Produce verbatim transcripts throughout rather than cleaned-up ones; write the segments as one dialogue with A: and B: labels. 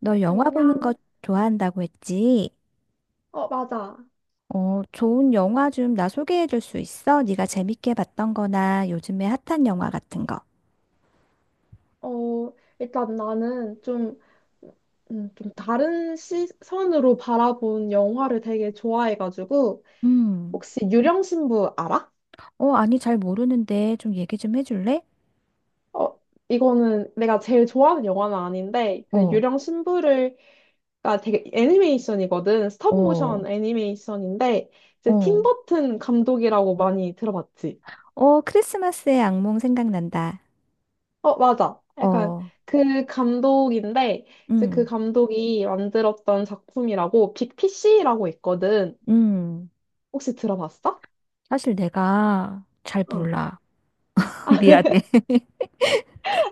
A: 너 영화 보는 거
B: 안녕.
A: 좋아한다고 했지?
B: 어, 맞아.
A: 어, 좋은 영화 좀 나 소개해 줄 수 있어? 네가 재밌게 봤던 거나 요즘에 핫한 영화 같은 거.
B: 어, 일단 나는 좀, 음, 좀 다른 시선으로 바라본 영화를 되게 좋아해가지고,
A: 음.
B: 혹시 유령신부 알아?
A: 어, 아니, 잘 모르는데 좀 얘기 좀 해줄래?
B: 어, 이거는 내가 제일 좋아하는 영화는 아닌데, 그
A: 어,
B: 유령신부를가 되게 애니메이션이거든.
A: 어,
B: 스톱모션 애니메이션인데, 이제 팀
A: 어.
B: 버튼 감독이라고 많이 들어봤지?
A: 어, 크리스마스의 악몽 생각난다.
B: 어, 맞아. 약간
A: 어,
B: 그 감독인데, 이제 그
A: 음,
B: 감독이 만들었던 작품이라고 빅피씨라고 있거든.
A: 음.
B: 혹시 들어봤어?
A: 사실 내가 잘
B: 어,
A: 몰라. 미안해.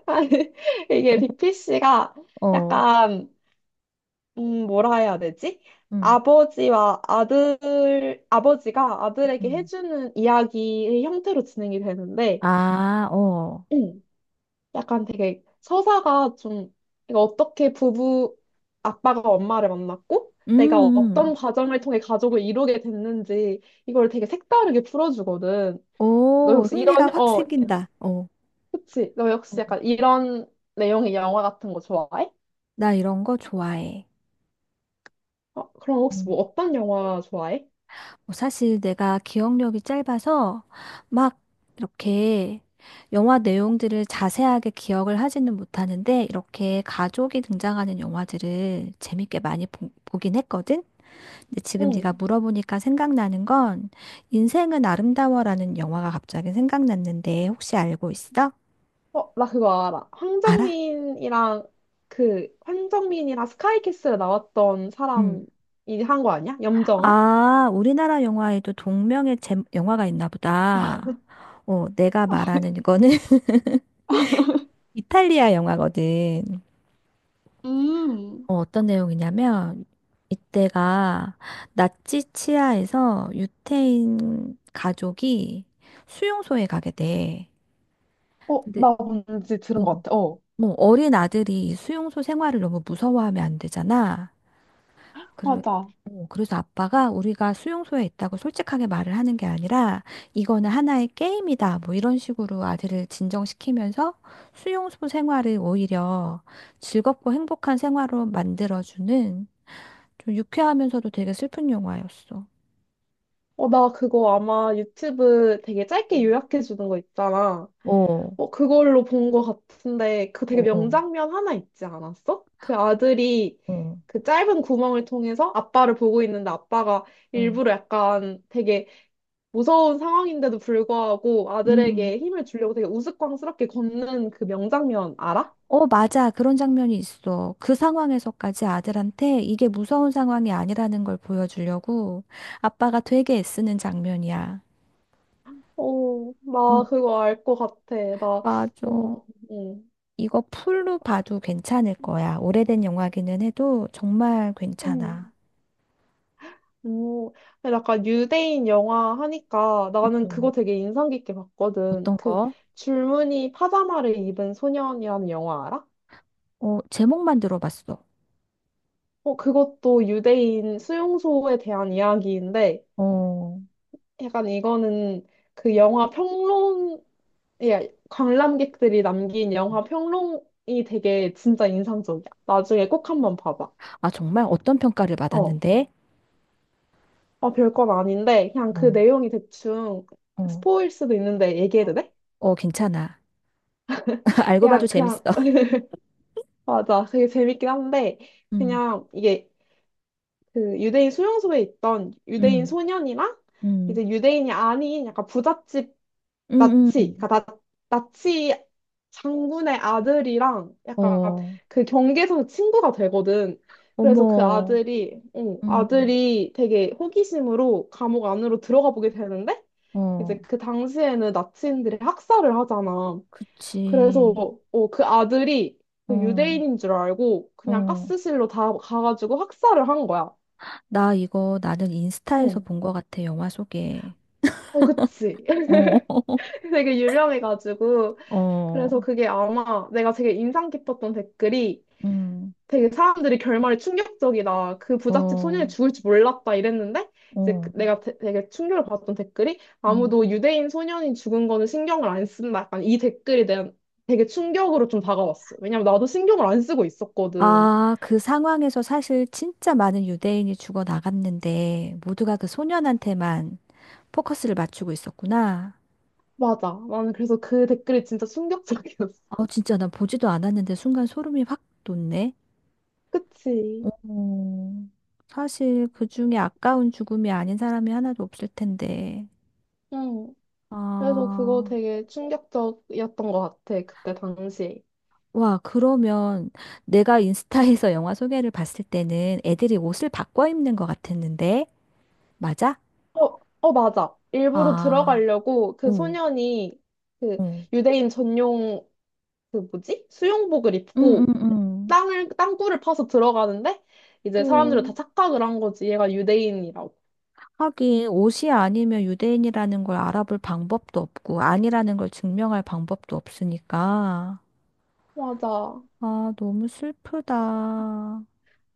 B: 아니, 이게 빅피씨가
A: 어,
B: 약간, 음, 뭐라 해야 되지?
A: 음,
B: 아버지와 아들, 아버지가 아들에게
A: 음.
B: 해주는 이야기의 형태로 진행이 되는데,
A: 아, 어.
B: 약간 되게 서사가 좀 그러니까 어떻게 부부 아빠가 엄마를 만났고
A: 음,
B: 내가
A: 음.
B: 어떤 과정을 통해 가족을 이루게 됐는지 이걸 되게 색다르게 풀어주거든. 너
A: 오,
B: 역시
A: 흥미가
B: 이런
A: 확
B: 어
A: 생긴다. 어.
B: 그치? 너
A: 어,
B: 역시 약간 이런 내용의 영화 같은 거 좋아해?
A: 나 이런 거 좋아해.
B: 어, 그럼 혹시 뭐
A: 음.
B: 어떤 영화 좋아해?
A: 뭐 사실 내가 기억력이 짧아서 막 이렇게 영화 내용들을 자세하게 기억을 하지는 못하는데 이렇게 가족이 등장하는 영화들을 재밌게 많이 보, 보긴 했거든. 근데 지금 네가
B: 응.
A: 물어보니까 생각나는 건 인생은 아름다워라는 영화가 갑자기 생각났는데 혹시 알고 있어?
B: 어, 나 그거 알아.
A: 알아?
B: 황정민이랑 그 황정민이랑 스카이캐슬에 나왔던
A: 음.
B: 사람이 한 거 아니야? 염정아?
A: 아, 우리나라 영화에도 동명의 제, 영화가 있나 보다. 어, 내가 말하는 이거는 이탈리아 영화거든.
B: 음.
A: 어, 어떤 내용이냐면 이때가 나치 치하에서 유태인 가족이 수용소에 가게 돼.
B: 어,
A: 근데
B: 나 뭔지 들은
A: 어,
B: 것 같아. 어,
A: 뭐 어린 아들이 이 수용소 생활을 너무 무서워하면 안 되잖아. 그래,
B: 맞아.
A: 어, 그래서 아빠가 우리가 수용소에 있다고 솔직하게 말을 하는 게 아니라 이거는 하나의 게임이다. 뭐 이런 식으로 아들을 진정시키면서 수용소 생활을 오히려 즐겁고 행복한 생활로 만들어주는 좀 유쾌하면서도 되게 슬픈 영화였어.
B: 어, 나 그거 아마 유튜브 되게 짧게
A: 음.
B: 요약해 주는 거 있잖아.
A: 어, 어,
B: 어, 그걸로 본 것 같은데, 그 되게
A: 어,
B: 명장면 하나 있지 않았어? 그 아들이
A: 어,
B: 그 짧은 구멍을 통해서 아빠를 보고 있는데 아빠가
A: 어.
B: 일부러 약간 되게 무서운 상황인데도 불구하고
A: 음.
B: 아들에게 힘을 주려고 되게 우스꽝스럽게 걷는 그 명장면 알아?
A: 어, 맞아. 그런 장면이 있어. 그 상황에서까지 아들한테 이게 무서운 상황이 아니라는 걸 보여주려고 아빠가 되게 애쓰는 장면이야.
B: 어, 나
A: 음,
B: 그거 알 것 같아. 나, 어,
A: 맞아.
B: 어,
A: 이거 풀로 봐도 괜찮을 거야. 오래된 영화기는 해도 정말 괜찮아.
B: 응. 오, 근데 약간 유대인 영화 하니까 나는 그거
A: 음,
B: 되게 인상 깊게 봤거든.
A: 어떤
B: 그
A: 거?
B: 줄무늬 파자마를 입은 소년이라는 영화 알아?
A: 어, 제목만 들어봤어.
B: 어, 그것도 유대인 수용소에 대한 이야기인데
A: 어,
B: 약간 이거는 그 영화 평론, 예, 관람객들이 남긴 영화 평론이 되게 진짜 인상적이야. 나중에 꼭 한번 봐봐.
A: 아, 정말 어떤 평가를
B: 어,
A: 받았는데?
B: 어, 별건 아닌데 그냥 그
A: 어,
B: 내용이 대충
A: 어,
B: 스포일 수도 있는데 얘기해도 돼?
A: 어, 괜찮아. 알고 봐도
B: 그냥
A: 재밌어.
B: 그냥 맞아. 되게 재밌긴 한데,
A: 음,
B: 그냥 이게 그 유대인 수용소에 있던 유대인
A: 음,
B: 소년이랑
A: 음,
B: 이제 유대인이 아닌 약간 부잣집
A: 음,
B: 나치,
A: 음.
B: 그러니까 나, 나치 장군의 아들이랑 약간
A: 어,
B: 그 경계에서 친구가 되거든. 그래서 그
A: 어머,
B: 아들이, 어,
A: 음,
B: 아들이 되게 호기심으로 감옥 안으로 들어가 보게 되는데,
A: 어,
B: 이제 그 당시에는 나치인들이 학살을 하잖아.
A: 그치,
B: 그래서 어, 그 아들이 그
A: 어,
B: 유대인인 줄 알고 그냥
A: 어.
B: 가스실로 다 가가지고 학살을 한 거야.
A: 나 이거 나는 인스타에서
B: 어,
A: 본 거 같아, 영화 소개.
B: 어, 그치.
A: 어,
B: 되게 유명해가지고.
A: 어,
B: 그래서 그게 아마 내가 되게 인상 깊었던 댓글이
A: 음,
B: 되게 사람들이 결말이 충격적이다. 그 부잣집 소년이
A: 어,
B: 죽을 줄 몰랐다 이랬는데 이제 그-
A: 어,
B: 내가 되- 되게 충격을 받았던 댓글이
A: 음,
B: 아무도 유대인 소년이 죽은 거는 신경을 안 쓴다. 약간 이 댓글이 한 되게 충격으로 좀 다가왔어. 왜냐면 나도 신경을 안 쓰고 있었거든.
A: 아, 그 상황에서 사실 진짜 많은 유대인이 죽어 나갔는데 모두가 그 소년한테만 포커스를 맞추고 있었구나.
B: 맞아. 나는 그래서 그 댓글이 진짜 충격적이었어.
A: 아, 진짜 난 보지도 않았는데 순간 소름이 확 돋네.
B: 그치.
A: 어, 사실 그 중에 아까운 죽음이 아닌 사람이 하나도 없을 텐데.
B: 응. 그래서 그거
A: 아,
B: 되게 충격적이었던 것 같아, 그때 당시.
A: 와, 그러면 내가 인스타에서 영화 소개를 봤을 때는 애들이 옷을 바꿔 입는 것 같았는데? 맞아?
B: 어, 어, 맞아. 일부러
A: 아,
B: 들어가려고 그
A: 응,
B: 소년이 그
A: 응,
B: 유대인 전용 그 뭐지? 수용복을
A: 응, 응,
B: 입고
A: 응.
B: 땅을, 땅굴을 파서 들어가는데 이제 사람들은 다
A: 응.
B: 착각을 한 거지. 얘가 유대인이라고.
A: 하긴 옷이 아니면 유대인이라는 걸 알아볼 방법도 없고 아니라는 걸 증명할 방법도 없으니까.
B: 맞아.
A: 아, 너무 슬프다.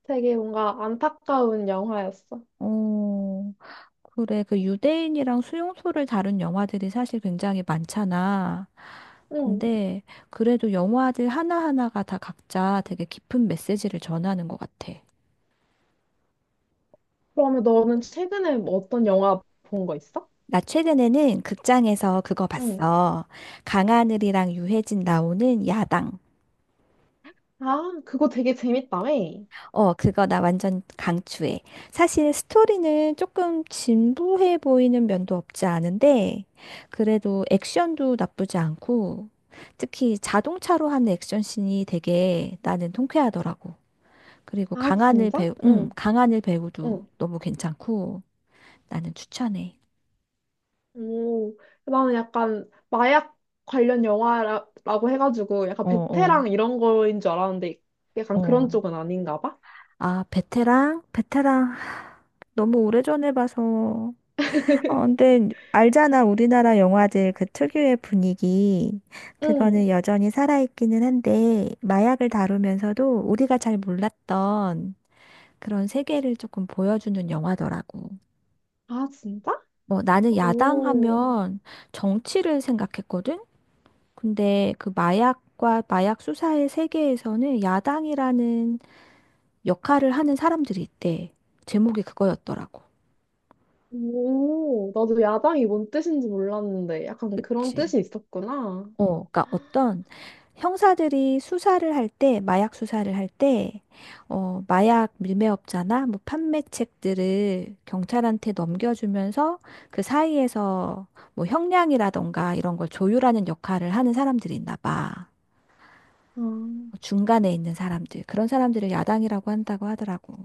B: 되게 뭔가 안타까운 영화였어.
A: 어, 그래. 그 유대인이랑 수용소를 다룬 영화들이 사실 굉장히 많잖아.
B: 응.
A: 근데 그래도 영화들 하나하나가 다 각자 되게 깊은 메시지를 전하는 것 같아.
B: 그러면 너는 최근에 뭐 어떤 영화 본 거 있어?
A: 나 최근에는 극장에서 그거
B: 응.
A: 봤어. 강하늘이랑 유해진 나오는 야당.
B: 아, 그거 되게 재밌다며.
A: 어, 그거 나 완전 강추해. 사실 스토리는 조금 진부해 보이는 면도 없지 않은데, 그래도 액션도 나쁘지 않고, 특히 자동차로 하는 액션 씬이 되게 나는 통쾌하더라고. 그리고
B: 아,
A: 강하늘
B: 진짜?
A: 배우, 음,
B: 응,
A: 강하늘 배우도
B: 응.
A: 너무 괜찮고, 나는 추천해.
B: 오, 나는 약간 마약 관련 영화라고 해가지고 약간
A: 어, 어,
B: 베테랑 이런 거인 줄 알았는데 약간 그런
A: 어.
B: 쪽은 아닌가 봐.
A: 아, 베테랑? 베테랑. 하, 너무 오래전에 봐서. 어, 근데 알잖아. 우리나라 영화들 그 특유의 분위기.
B: 응.
A: 그거는 여전히 살아있기는 한데, 마약을 다루면서도 우리가 잘 몰랐던 그런 세계를 조금 보여주는 영화더라고.
B: 아, 진짜?
A: 뭐 나는
B: 오,
A: 야당하면 정치를 생각했거든? 근데 그 마약과 마약 수사의 세계에서는 야당이라는 역할을 하는 사람들이 있대. 제목이 그거였더라고.
B: 오, 나도 야당이 뭔 뜻인지 몰랐는데 약간 그런
A: 그치.
B: 뜻이 있었구나.
A: 어, 그러니까 어떤 형사들이 수사를 할 때, 마약 수사를 할 때, 어, 마약 밀매업자나 뭐 판매책들을 경찰한테 넘겨주면서 그 사이에서 뭐 형량이라던가 이런 걸 조율하는 역할을 하는 사람들이 있나 봐.
B: 아,
A: 뭐 중간에 있는 사람들. 그런 사람들을 야당이라고 한다고 하더라고.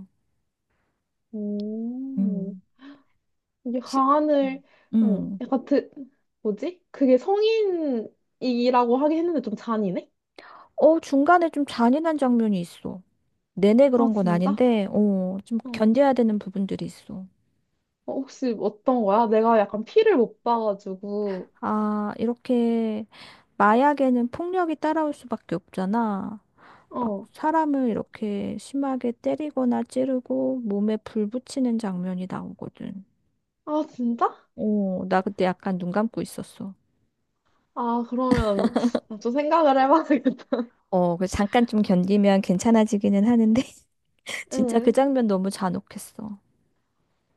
B: 오.
A: 음.
B: 이게
A: 시-
B: 가안을
A: 음.
B: 응,
A: 음.
B: 약간 드, 뭐지? 그게 성인이라고 하긴 했는데 좀 잔인해?
A: 어, 중간에 좀 잔인한 장면이 있어. 내내
B: 아
A: 그런 건
B: 진짜?
A: 아닌데, 어, 좀
B: 응.
A: 견뎌야 되는 부분들이 있어.
B: 어, 혹시 어떤 거야? 내가 약간 피를 못 봐가지고
A: 아, 이렇게 마약에는 폭력이 따라올 수밖에 없잖아. 막
B: 어.
A: 사람을 이렇게 심하게 때리거나 찌르고 몸에 불 붙이는 장면이 나오거든.
B: 아 진짜?
A: 어, 나 그때 약간 눈 감고 있었어.
B: 아 그러면 아, 좀 생각을 해봐야겠다.
A: 어, 그래서 잠깐 좀 견디면 괜찮아지기는 하는데, 진짜 그
B: 응.
A: 장면 너무 잔혹했어.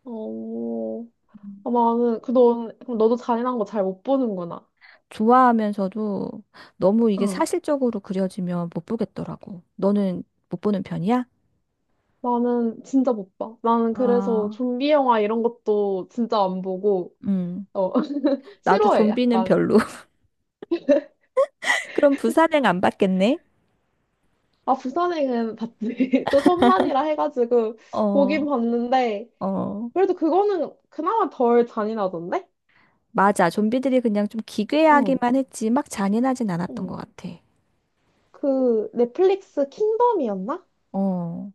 B: 어. 아, 나는 그 너 그럼 너도 잔인한 거 잘 못 보는구나.
A: 좋아하면서도 너무 이게
B: 응.
A: 사실적으로 그려지면 못 보겠더라고. 너는 못 보는 편이야?
B: 나는 진짜 못 봐. 나는 그래서
A: 아,
B: 좀비 영화 이런 것도 진짜 안 보고
A: 음,
B: 어
A: 나도
B: 싫어해
A: 좀비는
B: 약간.
A: 별로. 그럼 부산행 안 받겠네?
B: 아, 부산행은 봤지. 또 천만이라 해가지고 보긴
A: 어,
B: 봤는데,
A: 어,
B: 그래도 그거는 그나마 덜 잔인하던데?
A: 맞아. 좀비들이 그냥 좀
B: 어,
A: 기괴하기만 했지, 막 잔인하진 않았던
B: 응.
A: 것 같아.
B: 그 넷플릭스 킹덤이었나?
A: 어,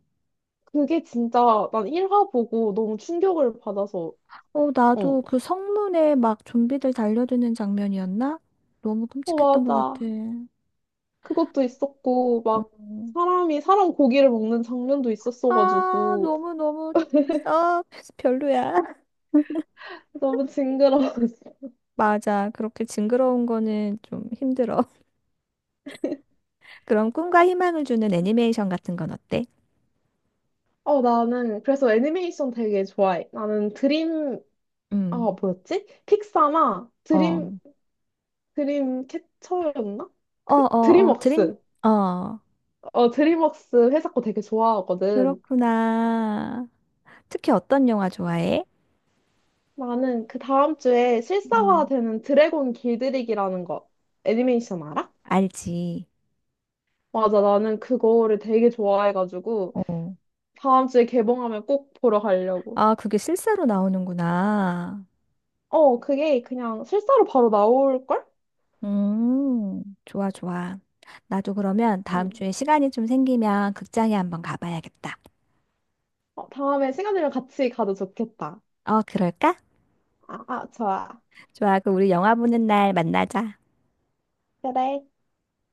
B: 그게 진짜 난 일 화 보고 너무 충격을 받아서,
A: 어,
B: 어,
A: 나도 그 성문에 막 좀비들 달려드는 장면이었나? 너무
B: 어,
A: 끔찍했던 것
B: 맞아.
A: 같아.
B: 그것도 있었고,
A: 어.
B: 막 사람이 사람 고기를 먹는 장면도
A: 아,
B: 있었어가지고,
A: 너무너무, 아, 별로야.
B: 너무 징그러웠어.
A: 맞아. 그렇게 징그러운 거는 좀 힘들어. 그럼 꿈과 희망을 주는 애니메이션 같은 건 어때?
B: 어, 나는 그래서 애니메이션 되게 좋아해. 나는 드림, 아,
A: 음.
B: 뭐였지? 픽사나 드림,
A: 어.
B: 드림 캐쳐였나?
A: 어,
B: 그
A: 어, 어, 드림,
B: 드림웍스.
A: 어,
B: 어, 드림웍스 회사 거 되게 좋아하거든.
A: 그렇구나. 특히 어떤 영화 좋아해?
B: 나는 그 다음 주에
A: 음.
B: 실사화되는 드래곤 길들이기라는 거 애니메이션 알아?
A: 알지.
B: 맞아, 나는 그거를 되게 좋아해가지고
A: 어.
B: 다음 주에 개봉하면 꼭 보러 가려고.
A: 아, 그게 실사로 나오는구나.
B: 어, 그게 그냥 실사로 바로 나올걸?
A: 음, 좋아, 좋아. 나도 그러면 다음
B: 응.
A: 주에 시간이 좀 생기면 극장에 한번 가봐야겠다.
B: 어, 다음에 시간 되면 같이 가도 좋겠다.
A: 어, 그럴까?
B: 아, 아, 좋아.
A: 좋아, 그 우리 영화 보는 날 만나자.
B: 그래.